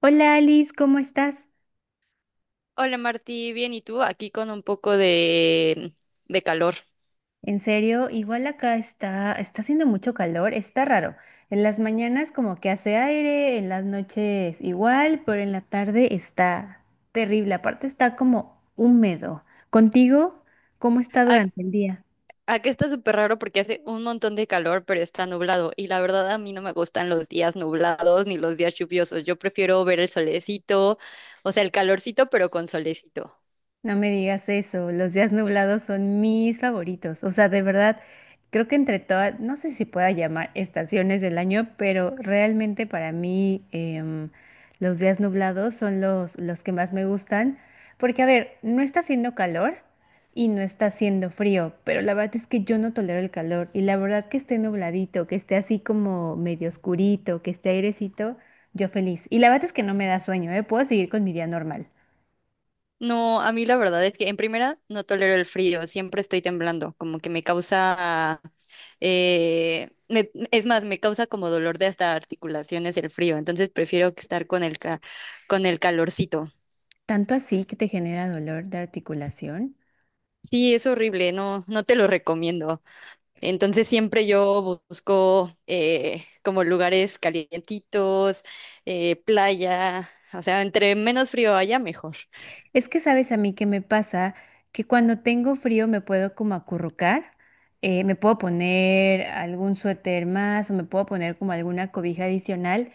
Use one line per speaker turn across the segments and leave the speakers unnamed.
Hola Alice, ¿cómo estás?
Hola Martí, bien, ¿y tú? Aquí con un poco de calor.
En serio, igual acá está haciendo mucho calor, está raro. En las mañanas como que hace aire, en las noches igual, pero en la tarde está terrible. Aparte está como húmedo. ¿Contigo? ¿Cómo está
Ac-
durante el día?
Acá está súper raro porque hace un montón de calor, pero está nublado. Y la verdad a mí no me gustan los días nublados ni los días lluviosos. Yo prefiero ver el solecito, o sea, el calorcito, pero con solecito.
No me digas eso, los días nublados son mis favoritos. O sea, de verdad, creo que entre todas, no sé si pueda llamar estaciones del año, pero realmente para mí, los días nublados son los que más me gustan. Porque, a ver, no está haciendo calor y no está haciendo frío, pero la verdad es que yo no tolero el calor. Y la verdad que esté nubladito, que esté así como medio oscurito, que esté airecito, yo feliz. Y la verdad es que no me da sueño, ¿eh? Puedo seguir con mi día normal.
No, a mí la verdad es que en primera no tolero el frío, siempre estoy temblando, como que me causa, es más, me causa como dolor de hasta articulaciones el frío, entonces prefiero que estar con el calorcito.
Tanto así que te genera dolor de articulación.
Sí, es horrible, no, no te lo recomiendo. Entonces siempre yo busco como lugares calientitos, playa, o sea, entre menos frío haya, mejor.
Es que sabes a mí qué me pasa, que cuando tengo frío me puedo como acurrucar, me puedo poner algún suéter más o me puedo poner como alguna cobija adicional.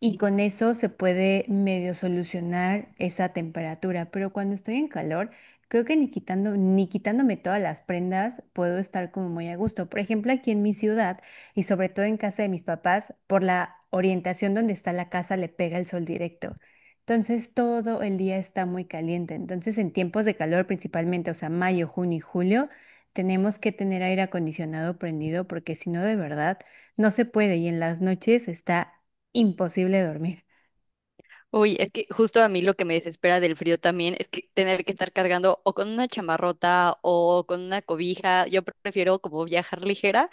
Y con eso se puede medio solucionar esa temperatura, pero cuando estoy en calor, creo que ni quitando, ni quitándome todas las prendas puedo estar como muy a gusto. Por ejemplo, aquí en mi ciudad y sobre todo en casa de mis papás, por la orientación donde está la casa le pega el sol directo. Entonces todo el día está muy caliente. Entonces en tiempos de calor principalmente, o sea, mayo, junio y julio, tenemos que tener aire acondicionado prendido porque si no, de verdad, no se puede. Y en las noches está imposible dormir.
Uy, es que justo a mí lo que me desespera del frío también es que tener que estar cargando o con una chamarrota o con una cobija. Yo prefiero como viajar ligera,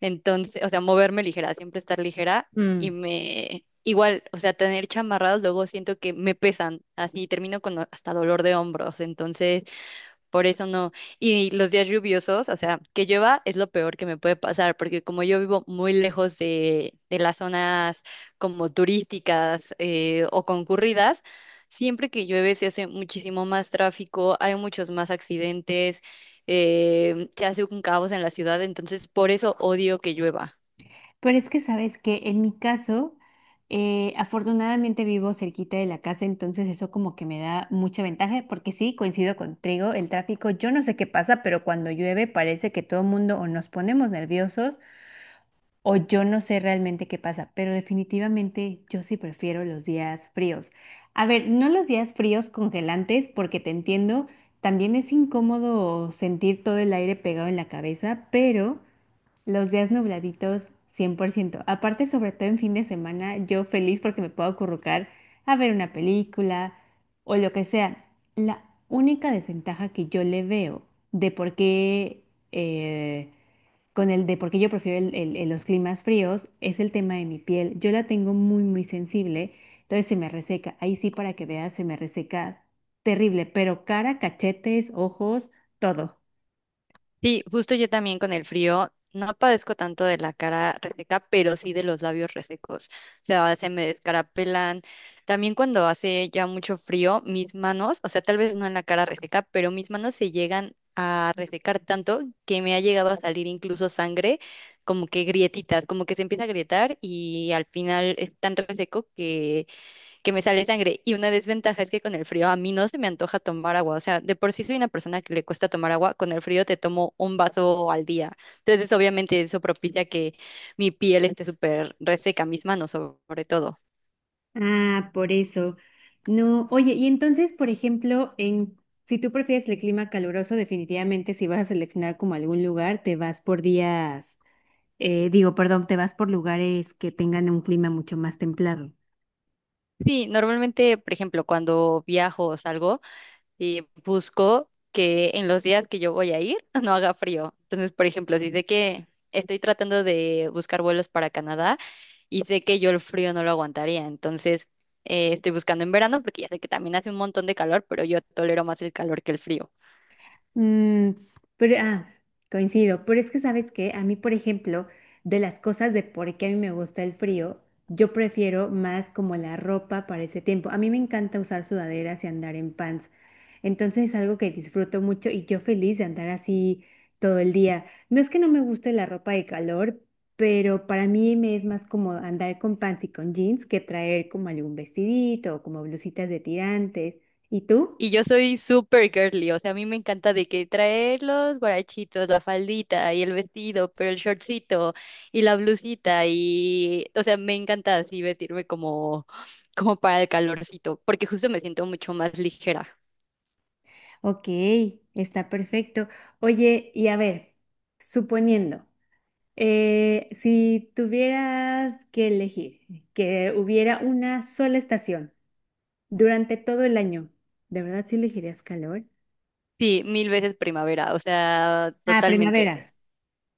entonces, o sea, moverme ligera, siempre estar ligera y
Mm.
me igual, o sea, tener chamarradas luego siento que me pesan, así termino con hasta dolor de hombros. Entonces, por eso no. Y los días lluviosos, o sea, que llueva es lo peor que me puede pasar, porque como yo vivo muy lejos de las zonas como turísticas o concurridas, siempre que llueve se hace muchísimo más tráfico, hay muchos más accidentes, se hace un caos en la ciudad, entonces por eso odio que llueva.
Pero es que sabes que en mi caso, afortunadamente vivo cerquita de la casa, entonces eso como que me da mucha ventaja, porque sí, coincido contigo, el tráfico, yo no sé qué pasa, pero cuando llueve parece que todo el mundo o nos ponemos nerviosos o yo no sé realmente qué pasa, pero definitivamente yo sí prefiero los días fríos. A ver, no los días fríos congelantes, porque te entiendo, también es incómodo sentir todo el aire pegado en la cabeza, pero... Los días nubladitos, 100%. Aparte, sobre todo en fin de semana, yo feliz porque me puedo acurrucar a ver una película o lo que sea. La única desventaja que yo le veo de por qué, eh, con el de por qué yo prefiero los climas fríos es el tema de mi piel. Yo la tengo muy, muy sensible, entonces se me reseca. Ahí sí, para que veas, se me reseca terrible, pero cara, cachetes, ojos, todo.
Sí, justo yo también con el frío no padezco tanto de la cara reseca, pero sí de los labios resecos. O sea, se me descarapelan. También cuando hace ya mucho frío, mis manos, o sea, tal vez no en la cara reseca, pero mis manos se llegan a resecar tanto que me ha llegado a salir incluso sangre, como que grietitas, como que se empieza a grietar y al final es tan reseco que me sale sangre. Y una desventaja es que con el frío a mí no se me antoja tomar agua. O sea, de por sí soy una persona que le cuesta tomar agua. Con el frío te tomo un vaso al día. Entonces, obviamente, eso propicia que mi piel esté súper reseca, mis manos sobre todo.
Ah, por eso. No, oye, y entonces, por ejemplo, en si tú prefieres el clima caluroso, definitivamente si vas a seleccionar como algún lugar, te vas por perdón, te vas por lugares que tengan un clima mucho más templado.
Sí, normalmente, por ejemplo, cuando viajo o salgo, busco que en los días que yo voy a ir no haga frío. Entonces, por ejemplo, si sé que estoy tratando de buscar vuelos para Canadá, y sé que yo el frío no lo aguantaría, entonces estoy buscando en verano porque ya sé que también hace un montón de calor, pero yo tolero más el calor que el frío.
Mm, pero, ah, coincido, pero es que sabes que a mí, por ejemplo, de las cosas de por qué a mí me gusta el frío, yo prefiero más como la ropa para ese tiempo. A mí me encanta usar sudaderas y andar en pants. Entonces es algo que disfruto mucho y yo feliz de andar así todo el día. No es que no me guste la ropa de calor, pero para mí me es más como andar con pants y con jeans que traer como algún vestidito o como blusitas de tirantes. ¿Y tú?
Y yo soy súper girly, o sea, a mí me encanta de que traer los guarachitos, la faldita y el vestido, pero el shortcito y la blusita y, o sea, me encanta así vestirme como, como para el calorcito, porque justo me siento mucho más ligera.
Ok, está perfecto. Oye, y a ver, suponiendo, si tuvieras que elegir que hubiera una sola estación durante todo el año, ¿de verdad sí elegirías calor?
Sí, mil veces primavera, o sea,
Ah,
totalmente.
primavera.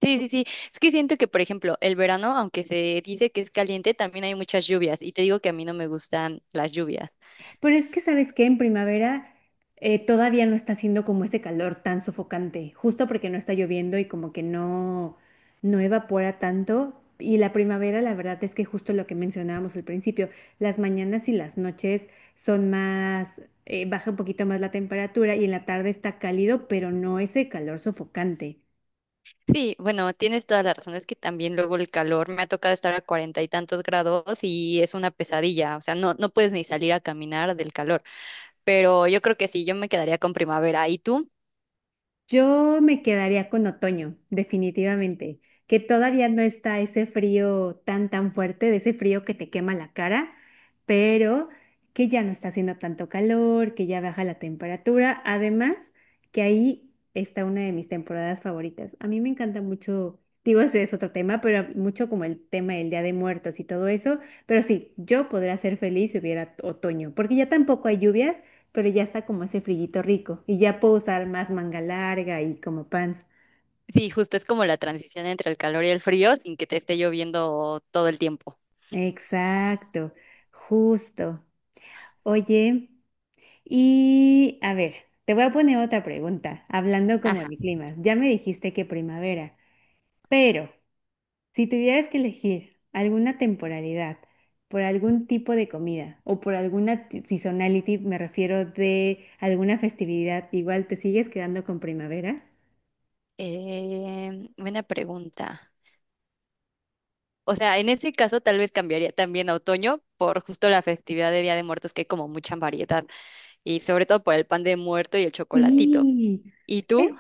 Sí, sí, sí. Es que siento que, por ejemplo, el verano, aunque se dice que es caliente, también hay muchas lluvias. Y te digo que a mí no me gustan las lluvias.
Pero es que, ¿sabes qué? En primavera todavía no está haciendo como ese calor tan sofocante, justo porque no está lloviendo y como que no evapora tanto. Y la primavera, la verdad es que justo lo que mencionábamos al principio, las mañanas y las noches son más, baja un poquito más la temperatura y en la tarde está cálido, pero no ese calor sofocante.
Sí, bueno, tienes toda la razón. Es que también luego el calor me ha tocado estar a 40 y tantos grados y es una pesadilla. O sea, no, no puedes ni salir a caminar del calor. Pero yo creo que sí, yo me quedaría con primavera. ¿Y tú?
Yo me quedaría con otoño, definitivamente, que todavía no está ese frío tan tan fuerte, de ese frío que te quema la cara, pero que ya no está haciendo tanto calor, que ya baja la temperatura, además que ahí está una de mis temporadas favoritas. A mí me encanta mucho, digo, ese es otro tema, pero mucho como el tema del Día de Muertos y todo eso, pero sí, yo podría ser feliz si hubiera otoño, porque ya tampoco hay lluvias pero ya está como ese frillito rico y ya puedo usar más manga larga y como pants.
Sí, justo es como la transición entre el calor y el frío sin que te esté lloviendo todo el tiempo.
Exacto, justo. Oye, y a ver, te voy a poner otra pregunta, hablando como
Ajá.
de climas. Ya me dijiste que primavera, pero si tuvieras que elegir alguna temporalidad por algún tipo de comida o por alguna seasonality, me refiero de alguna festividad, igual te sigues quedando con primavera.
Buena pregunta. O sea, en ese caso tal vez cambiaría también a otoño por justo la festividad de Día de Muertos, que hay como mucha variedad, y sobre todo por el pan de muerto y el chocolatito.
Sí.
¿Y tú?
Es-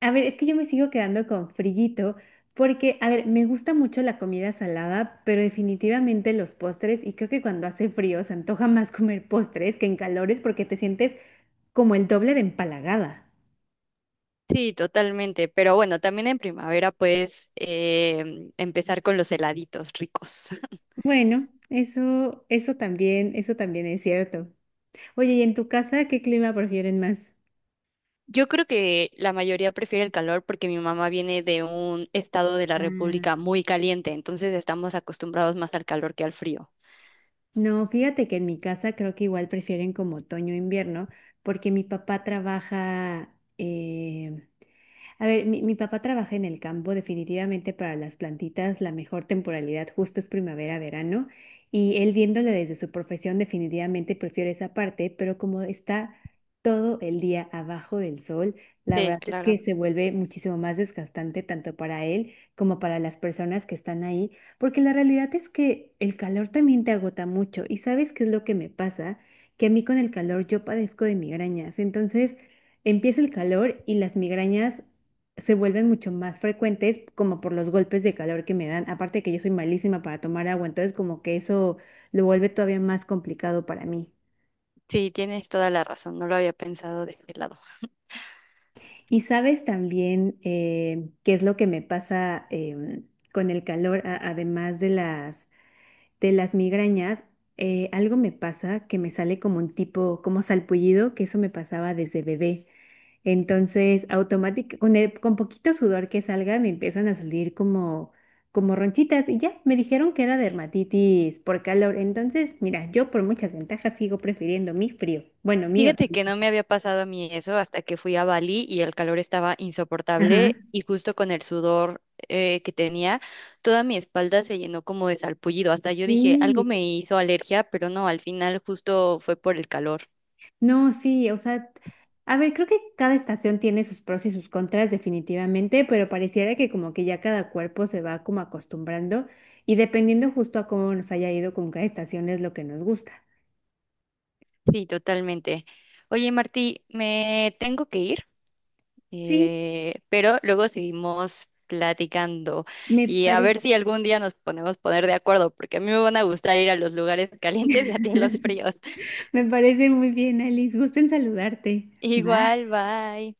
a ver, es que yo me sigo quedando con frillito porque, a ver, me gusta mucho la comida salada, pero definitivamente los postres y creo que cuando hace frío se antoja más comer postres que en calores porque te sientes como el doble de empalagada.
Sí, totalmente. Pero bueno, también en primavera puedes empezar con los heladitos ricos.
Bueno, eso, eso también es cierto. Oye, ¿y en tu casa qué clima prefieren más?
Yo creo que la mayoría prefiere el calor porque mi mamá viene de un estado de la
Ah.
República muy caliente, entonces estamos acostumbrados más al calor que al frío.
No, fíjate que en mi casa creo que igual prefieren como otoño e invierno, porque mi papá a ver, mi papá trabaja en el campo, definitivamente para las plantitas la mejor temporalidad justo es primavera, verano, y él viéndolo desde su profesión definitivamente prefiere esa parte, pero como está todo el día abajo del sol, la
Sí,
verdad es que
claro.
se vuelve muchísimo más desgastante tanto para él como para las personas que están ahí, porque la realidad es que el calor también te agota mucho y ¿sabes qué es lo que me pasa? Que a mí con el calor yo padezco de migrañas, entonces... Empieza el calor y las migrañas se vuelven mucho más frecuentes como por los golpes de calor que me dan. Aparte de que yo soy malísima para tomar agua, entonces como que eso lo vuelve todavía más complicado para mí.
Sí, tienes toda la razón. No lo había pensado de ese lado.
Y sabes también, qué es lo que me pasa, con el calor, además de las migrañas, algo me pasa que me sale como un tipo, como salpullido, que eso me pasaba desde bebé. Entonces, automáticamente, con con poquito sudor que salga, me empiezan a salir como, como ronchitas y ya, me dijeron que era dermatitis por calor. Entonces, mira, yo por muchas ventajas sigo prefiriendo mi frío. Bueno, mi
Fíjate
otoño.
que no me había pasado a mí eso hasta que fui a Bali y el calor estaba
Ajá.
insoportable y justo con el sudor que tenía, toda mi espalda se llenó como de salpullido. Hasta yo dije, algo me
Sí.
hizo alergia, pero no, al final justo fue por el calor.
No, sí, o sea, a ver, creo que cada estación tiene sus pros y sus contras definitivamente, pero pareciera que como que ya cada cuerpo se va como acostumbrando y dependiendo justo a cómo nos haya ido con cada estación es lo que nos gusta.
Sí, totalmente. Oye, Martí, me tengo que ir,
Sí,
pero luego seguimos platicando
me
y a
parece.
ver si algún día nos ponemos poner de acuerdo, porque a mí me van a gustar ir a los lugares calientes y a ti a los fríos.
Me parece muy bien, Alice. Gusto en saludarte. Bye.
Igual, bye.